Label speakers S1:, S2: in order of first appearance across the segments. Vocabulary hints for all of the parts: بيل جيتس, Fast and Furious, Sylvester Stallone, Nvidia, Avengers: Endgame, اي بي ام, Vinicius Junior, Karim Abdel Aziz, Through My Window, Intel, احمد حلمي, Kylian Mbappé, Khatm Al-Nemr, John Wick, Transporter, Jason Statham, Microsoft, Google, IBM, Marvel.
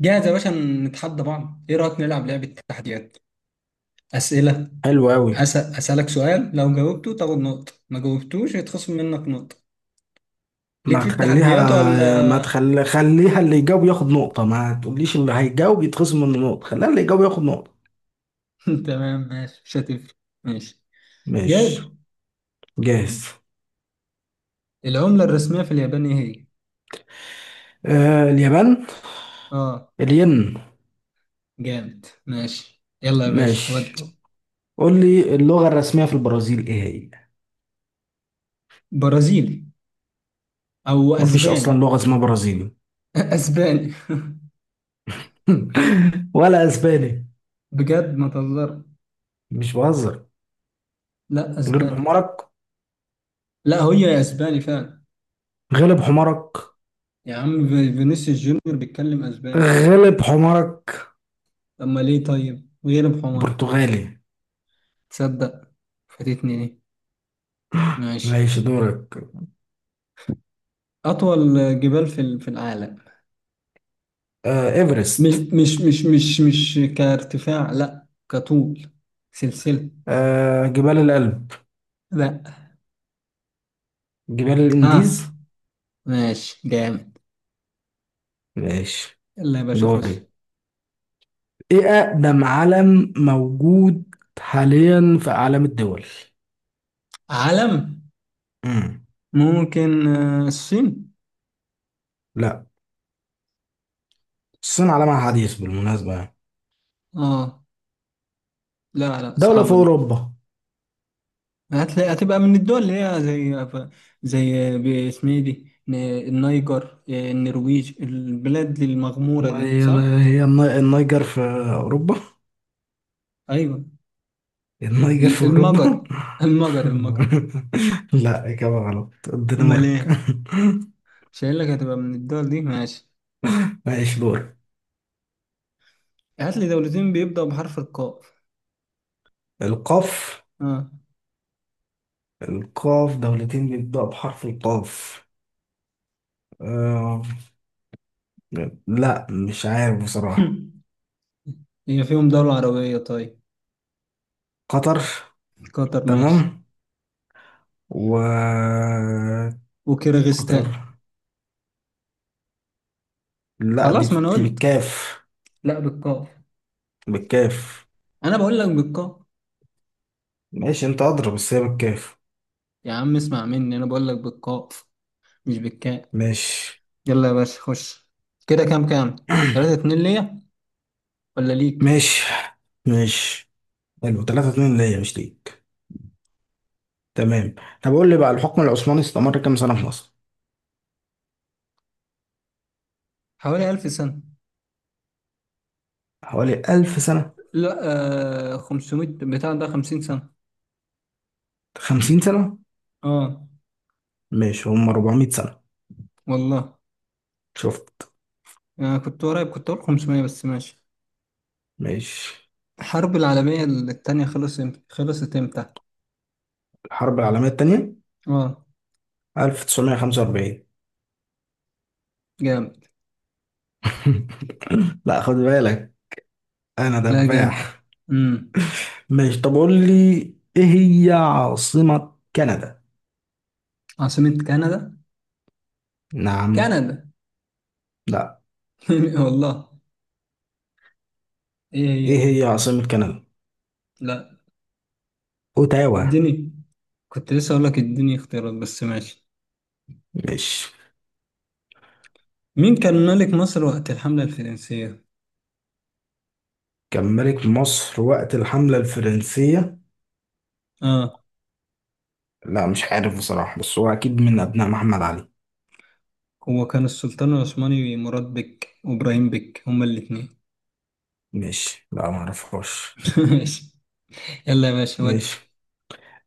S1: جاهز يا باشا. نتحدى بعض، ايه رأيك نلعب لعبة تحديات؟ أسئلة.
S2: حلو قوي.
S1: أسألك سؤال، لو جاوبته تاخد نقطة، ما جاوبتوش يتخصم منك نقطة. ليك
S2: ما
S1: في
S2: تخليها
S1: التحديات ولا؟
S2: ما تخلي خليها اللي يجاوب ياخد نقطة، ما تقوليش اللي هيجاوب يتخصم منه نقطة، خليها اللي يجاوب ياخد نقطة.
S1: تمام ماشي، مش هتفرق. ماشي.
S2: ماشي.
S1: جاهز.
S2: جاهز.
S1: العملة الرسمية في اليابان ايه هي؟
S2: آه، اليابان.
S1: اه.
S2: الين.
S1: جامد، ماشي يلا يا باشا
S2: ماشي.
S1: ودي.
S2: قول لي، اللغة الرسمية في البرازيل ايه هي؟
S1: برازيلي. او
S2: مفيش اصلا
S1: اسباني.
S2: لغة اسمها برازيلي.
S1: اسباني.
S2: ولا اسباني.
S1: بجد ما تهزر.
S2: مش بهزر.
S1: لا
S2: غلب
S1: اسباني.
S2: حمارك.
S1: لا هي اسباني فعلا.
S2: غلب حمارك.
S1: يا عم فينيسيوس جونيور بيتكلم اسباني.
S2: غلب حمارك.
S1: أما ليه طيب غير بحمار.
S2: برتغالي.
S1: تصدق، فاتتني دي. ماشي.
S2: ماشي دورك.
S1: أطول جبال في في العالم.
S2: آه،
S1: مش
S2: ايفرست.
S1: مش مش مش مش كارتفاع، لا كطول. سلسلة.
S2: آه، جبال الألب.
S1: لا.
S2: جبال
S1: ها.
S2: الانديز.
S1: ماشي جامد.
S2: ماشي.
S1: يلا يا باشا خش.
S2: دوري. ايه اقدم علم موجود حاليا في اعلام الدول؟
S1: علم.
S2: مم.
S1: ممكن آه، الصين.
S2: لا. الصين علمها حديث بالمناسبة يعني.
S1: اه. لا لا،
S2: دولة في
S1: صعبة دي.
S2: اوروبا.
S1: هتلاقي هتبقى من الدول اللي هي زي، زي باسمها دي النيجر آه، النرويج البلاد المغمورة
S2: ما
S1: دي
S2: هي،
S1: صح؟
S2: هي النيجر في اوروبا؟
S1: ايوه.
S2: النيجر في اوروبا؟
S1: المجر المجر المجر.
S2: لا، اجابة غلط،
S1: امال
S2: الدنمارك.
S1: ايه. مش قايل لك هتبقى من الدول دي، ماشي.
S2: ماشي دور.
S1: هات لي دولتين بيبدأوا بحرف القاف.
S2: القاف.
S1: اه.
S2: القاف، دولتين بيبدأوا بحرف القاف. آه، لا، مش عارف بصراحة.
S1: هي فيهم دولة عربية طيب.
S2: قطر.
S1: قطر، ماشي.
S2: تمام. و. قطر.
S1: وكيرغستان.
S2: لا،
S1: خلاص ما انا
S2: دي
S1: قلت.
S2: بالكاف.
S1: لا بالقاف.
S2: بالكاف.
S1: انا بقول لك بالقاف.
S2: ماشي، انت اضرب بس هي بالكاف.
S1: يا عم اسمع مني، انا بقول لك بالقاف مش بالكاء.
S2: ماشي.
S1: يلا يا باشا خش. كده كام. 3-2 ليا ولا ليك؟
S2: ماشي. ماشي. حلو، 3 2 ليا مش ليك. تمام. طب قول لي بقى، الحكم العثماني استمر كام سنة في مصر؟
S1: حوالي 1000 سنة.
S2: حوالي 1000 سنة.
S1: لا. آه 500، بتاع ده 50 سنة.
S2: 50 سنة.
S1: اه.
S2: ماشي، هم 400 سنة.
S1: والله.
S2: شفت.
S1: أنا كنت قريب، كنت أقول 500 بس ماشي.
S2: ماشي.
S1: الحرب العالمية التانية خلصت خلصت إمتى؟
S2: الحرب العالمية التانية،
S1: آه.
S2: 1945.
S1: جامد.
S2: لا خد بالك، انا
S1: لا جامد.
S2: دباح.
S1: امم.
S2: ماشي طب قول لي، ايه هي عاصمة كندا؟
S1: عاصمة كندا؟
S2: نعم.
S1: كندا.
S2: لا.
S1: والله. إيه هي؟
S2: ايه هي عاصمة كندا؟
S1: لا.
S2: اوتاوا.
S1: اديني. كنت لسه أقول لك اديني اختيارات بس ماشي.
S2: ماشي.
S1: مين كان ملك مصر وقت الحملة الفرنسية؟
S2: كان ملك مصر وقت الحملة الفرنسية؟
S1: آه.
S2: لا مش عارف بصراحة، بس هو اكيد من ابناء محمد علي.
S1: هو كان السلطان العثماني، مراد بك وإبراهيم بك هما الاتنين.
S2: ماشي، لا ما اعرفهاش.
S1: ماشي. يلا يا باشا ودي.
S2: ماشي.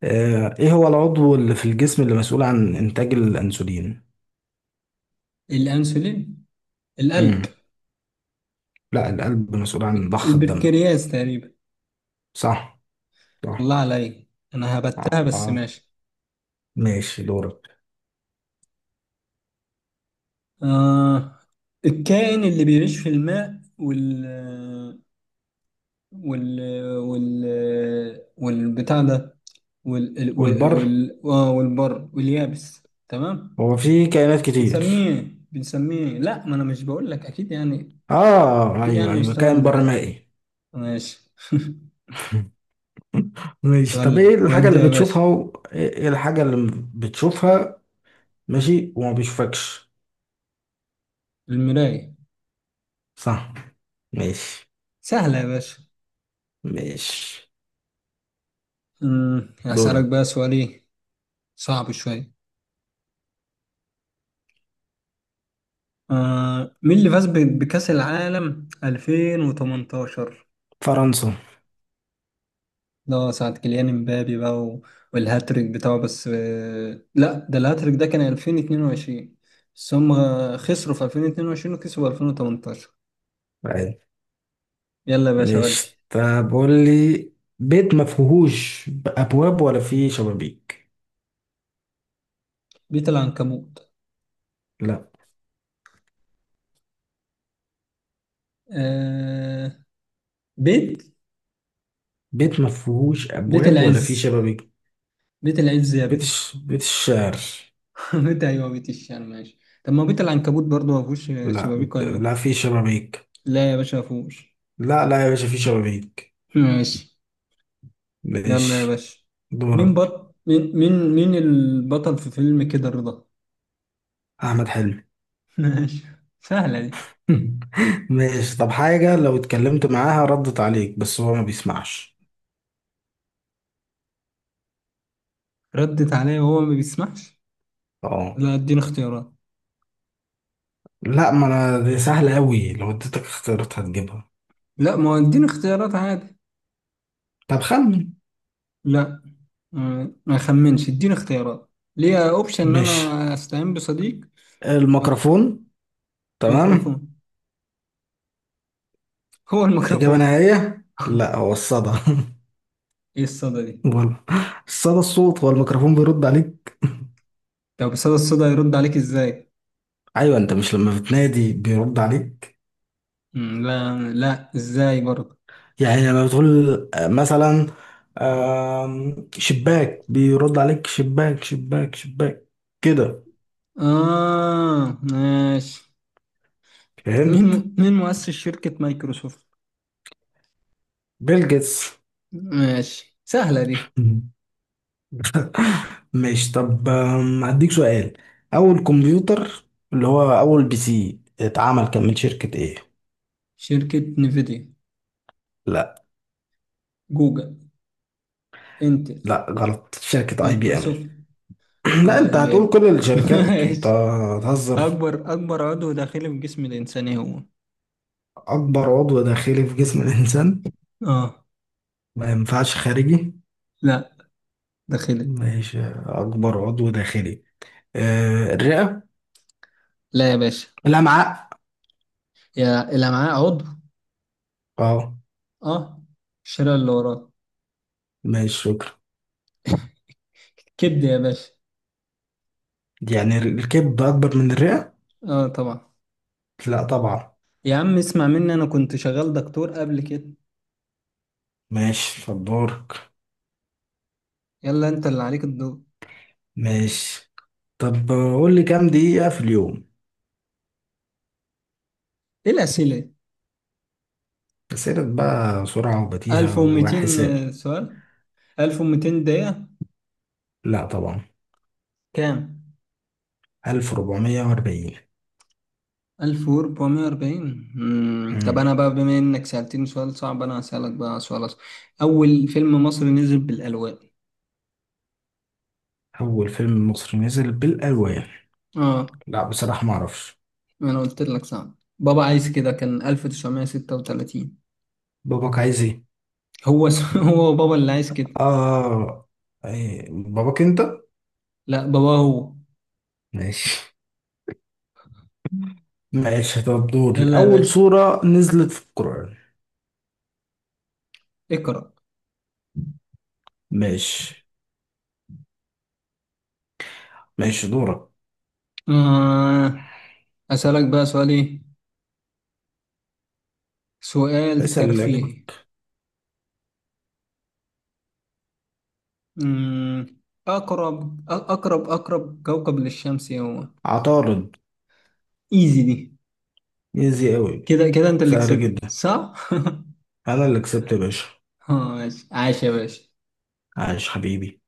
S2: آه، ايه هو العضو اللي في الجسم اللي مسؤول عن انتاج الانسولين؟
S1: الأنسولين. القلب.
S2: امم. لا، القلب مسؤول عن ضخ الدم.
S1: البنكرياس تقريبا.
S2: صح. صح.
S1: الله عليك، انا هبتها
S2: آه.
S1: بس
S2: آه.
S1: ماشي.
S2: ماشي دورك.
S1: آه. الكائن اللي بيعيش في الماء وال وال والبتاع ده،
S2: والبر.
S1: والبر واليابس تمام.
S2: هو في كائنات كتير.
S1: بنسميه لا، ما انا مش بقول لك اكيد يعني.
S2: اه
S1: اكيد يعني
S2: ايوه ايوه،
S1: مستوى
S2: كائن
S1: الذكاء.
S2: برمائي.
S1: ماشي
S2: ماشي طب،
S1: ولا
S2: ايه الحاجة
S1: وادي
S2: اللي
S1: يا باشا.
S2: بتشوفها و... ايه إيه الحاجة اللي بتشوفها ماشي وما بيشوفكش؟
S1: المراية.
S2: صح. ماشي.
S1: سهلة يا باشا.
S2: ماشي
S1: أمم، هسألك بقى
S2: دورك.
S1: سؤال ايه. صعب شوية. آه مين اللي فاز بكأس العالم 2018؟
S2: فرنسا.
S1: ده ساعة كيليان امبابي بقى والهاتريك بتاعه بس، آه لا، ده الهاتريك ده كان 2022. بس هم خسروا في 2022 وكسبوا 2018.
S2: عادي.
S1: يلا يا باشا ودي.
S2: ماشي طب قول لي، بيت ما فيهوش ابواب ولا فيه شبابيك.
S1: بيت العنكبوت.
S2: لا.
S1: آه. بيت.
S2: بيت ما فيهوش
S1: بيت
S2: ابواب ولا فيه
S1: العز،
S2: شبابيك.
S1: بيت العز يا بيت.
S2: بيت الشعر.
S1: بيت، ايوه بيت الشعر، ماشي. طب ما بيت العنكبوت برضه ما فيهوش
S2: لا.
S1: شبابيك ولا؟
S2: لا فيه شبابيك.
S1: لا يا باشا ما فيهوش.
S2: لا لا يا باشا، فيه شبابيك.
S1: ماشي. يلا يا
S2: ماشي.
S1: باشا. مين
S2: دورك.
S1: بط مين مين مين البطل في فيلم كده رضا؟
S2: احمد حلمي.
S1: ماشي سهلة دي.
S2: ماشي طب، حاجة لو اتكلمت معاها ردت عليك بس هو ما بيسمعش.
S1: ردت عليا وهو ما بيسمعش.
S2: اه.
S1: لا اديني اختيارات.
S2: لا ما انا دي سهلة قوي، لو اديتك اختيارات هتجيبها.
S1: لا ما هو اديني اختيارات عادي.
S2: طب خمن.
S1: لا. آه، ما اخمنش اديني اختيارات. ليا اوبشن ان
S2: ماشي.
S1: انا استعين بصديق. او.
S2: الميكروفون. تمام.
S1: الميكروفون. هو
S2: إجابة
S1: الميكروفون.
S2: نهائية؟ لا، هو الصدى.
S1: ايه الصدى دي.
S2: غلط. الصدى، الصوت، هو الميكروفون بيرد عليك.
S1: طب صدى، الصدى يرد عليك ازاي؟
S2: ايوه، انت مش لما بتنادي بيرد عليك؟
S1: مم، لا لا ازاي برضه.
S2: يعني لما بتقول آه مثلا، شباك، بيرد عليك شباك شباك شباك، كده.
S1: اه ماشي.
S2: فهمت.
S1: مين مؤسس شركة مايكروسوفت؟
S2: بيل جيتس.
S1: ماشي سهلة دي.
S2: ماشي طب، هديك سؤال. اول كمبيوتر اللي هو اول بي سي اتعمل كان من شركة ايه؟
S1: شركة نيفيديا.
S2: لا.
S1: جوجل. انتل.
S2: لا غلط، شركة اي بي ام.
S1: مايكروسوفت.
S2: لا
S1: اه
S2: انت
S1: اي بي
S2: هتقول كل
S1: ام.
S2: الشركات، انت
S1: ماشي.
S2: هتهزر.
S1: اكبر عضو داخلي في جسم الانسان إيه هو؟
S2: اكبر عضو داخلي في جسم الانسان؟
S1: اه.
S2: ما ينفعش خارجي.
S1: لا داخلي.
S2: ماشي، اكبر عضو داخلي. آه، الرئة.
S1: لا يا باشا.
S2: الامعاء.
S1: يا الامعاء عضو.
S2: اه.
S1: اه. الشريان اللي وراه.
S2: ماشي شكرا.
S1: كبد يا باشا.
S2: يعني الكبد اكبر من الرئة؟
S1: اه طبعا.
S2: لا طبعا.
S1: يا عم اسمع مني، انا كنت شغال دكتور قبل كده.
S2: ماشي فدورك.
S1: يلا انت اللي عليك الدور.
S2: ماشي طب قول لي، كام دقيقة في اليوم؟
S1: ايه الاسئله.
S2: أسئلة بقى سرعة وبديهة
S1: 1200
S2: وحساب.
S1: سؤال. 1200 دقيقة.
S2: لا طبعا.
S1: كام؟
S2: 1440.
S1: 1440. مم، طب
S2: مم.
S1: أنا بقى بما إنك سألتني سؤال صعب، أنا هسألك بقى سؤال أصعب. أول فيلم مصري نزل بالألوان.
S2: أول فيلم مصري نزل بالألوان.
S1: آه.
S2: لا بصراحة ما أعرفش.
S1: أنا قلت لك صعب، بابا عايز كده، كان 1936.
S2: باباك عايز إيه؟
S1: هو بابا اللي عايز كده.
S2: آه. إيه، باباك أنت؟
S1: لا بابا هو.
S2: ماشي. ماشي طب دوري،
S1: يلا يا
S2: أول
S1: باشا.
S2: سورة نزلت في القرآن.
S1: اقرأ.
S2: ماشي. ماشي دورك.
S1: آه. أسألك بقى سؤال إيه؟ سؤال
S2: اسأل اللي
S1: ترفيهي.
S2: يعجبك.
S1: مم، أقرب كوكب للشمس إيه هو؟
S2: عطارد.
S1: ايزي دي.
S2: إيزي أوي.
S1: كده كده انت اللي
S2: سهل
S1: كسبت
S2: جدا.
S1: صح؟
S2: أنا اللي كسبت يا باشا.
S1: اه ماشي، عاش يا باشا.
S2: عايش حبيبي.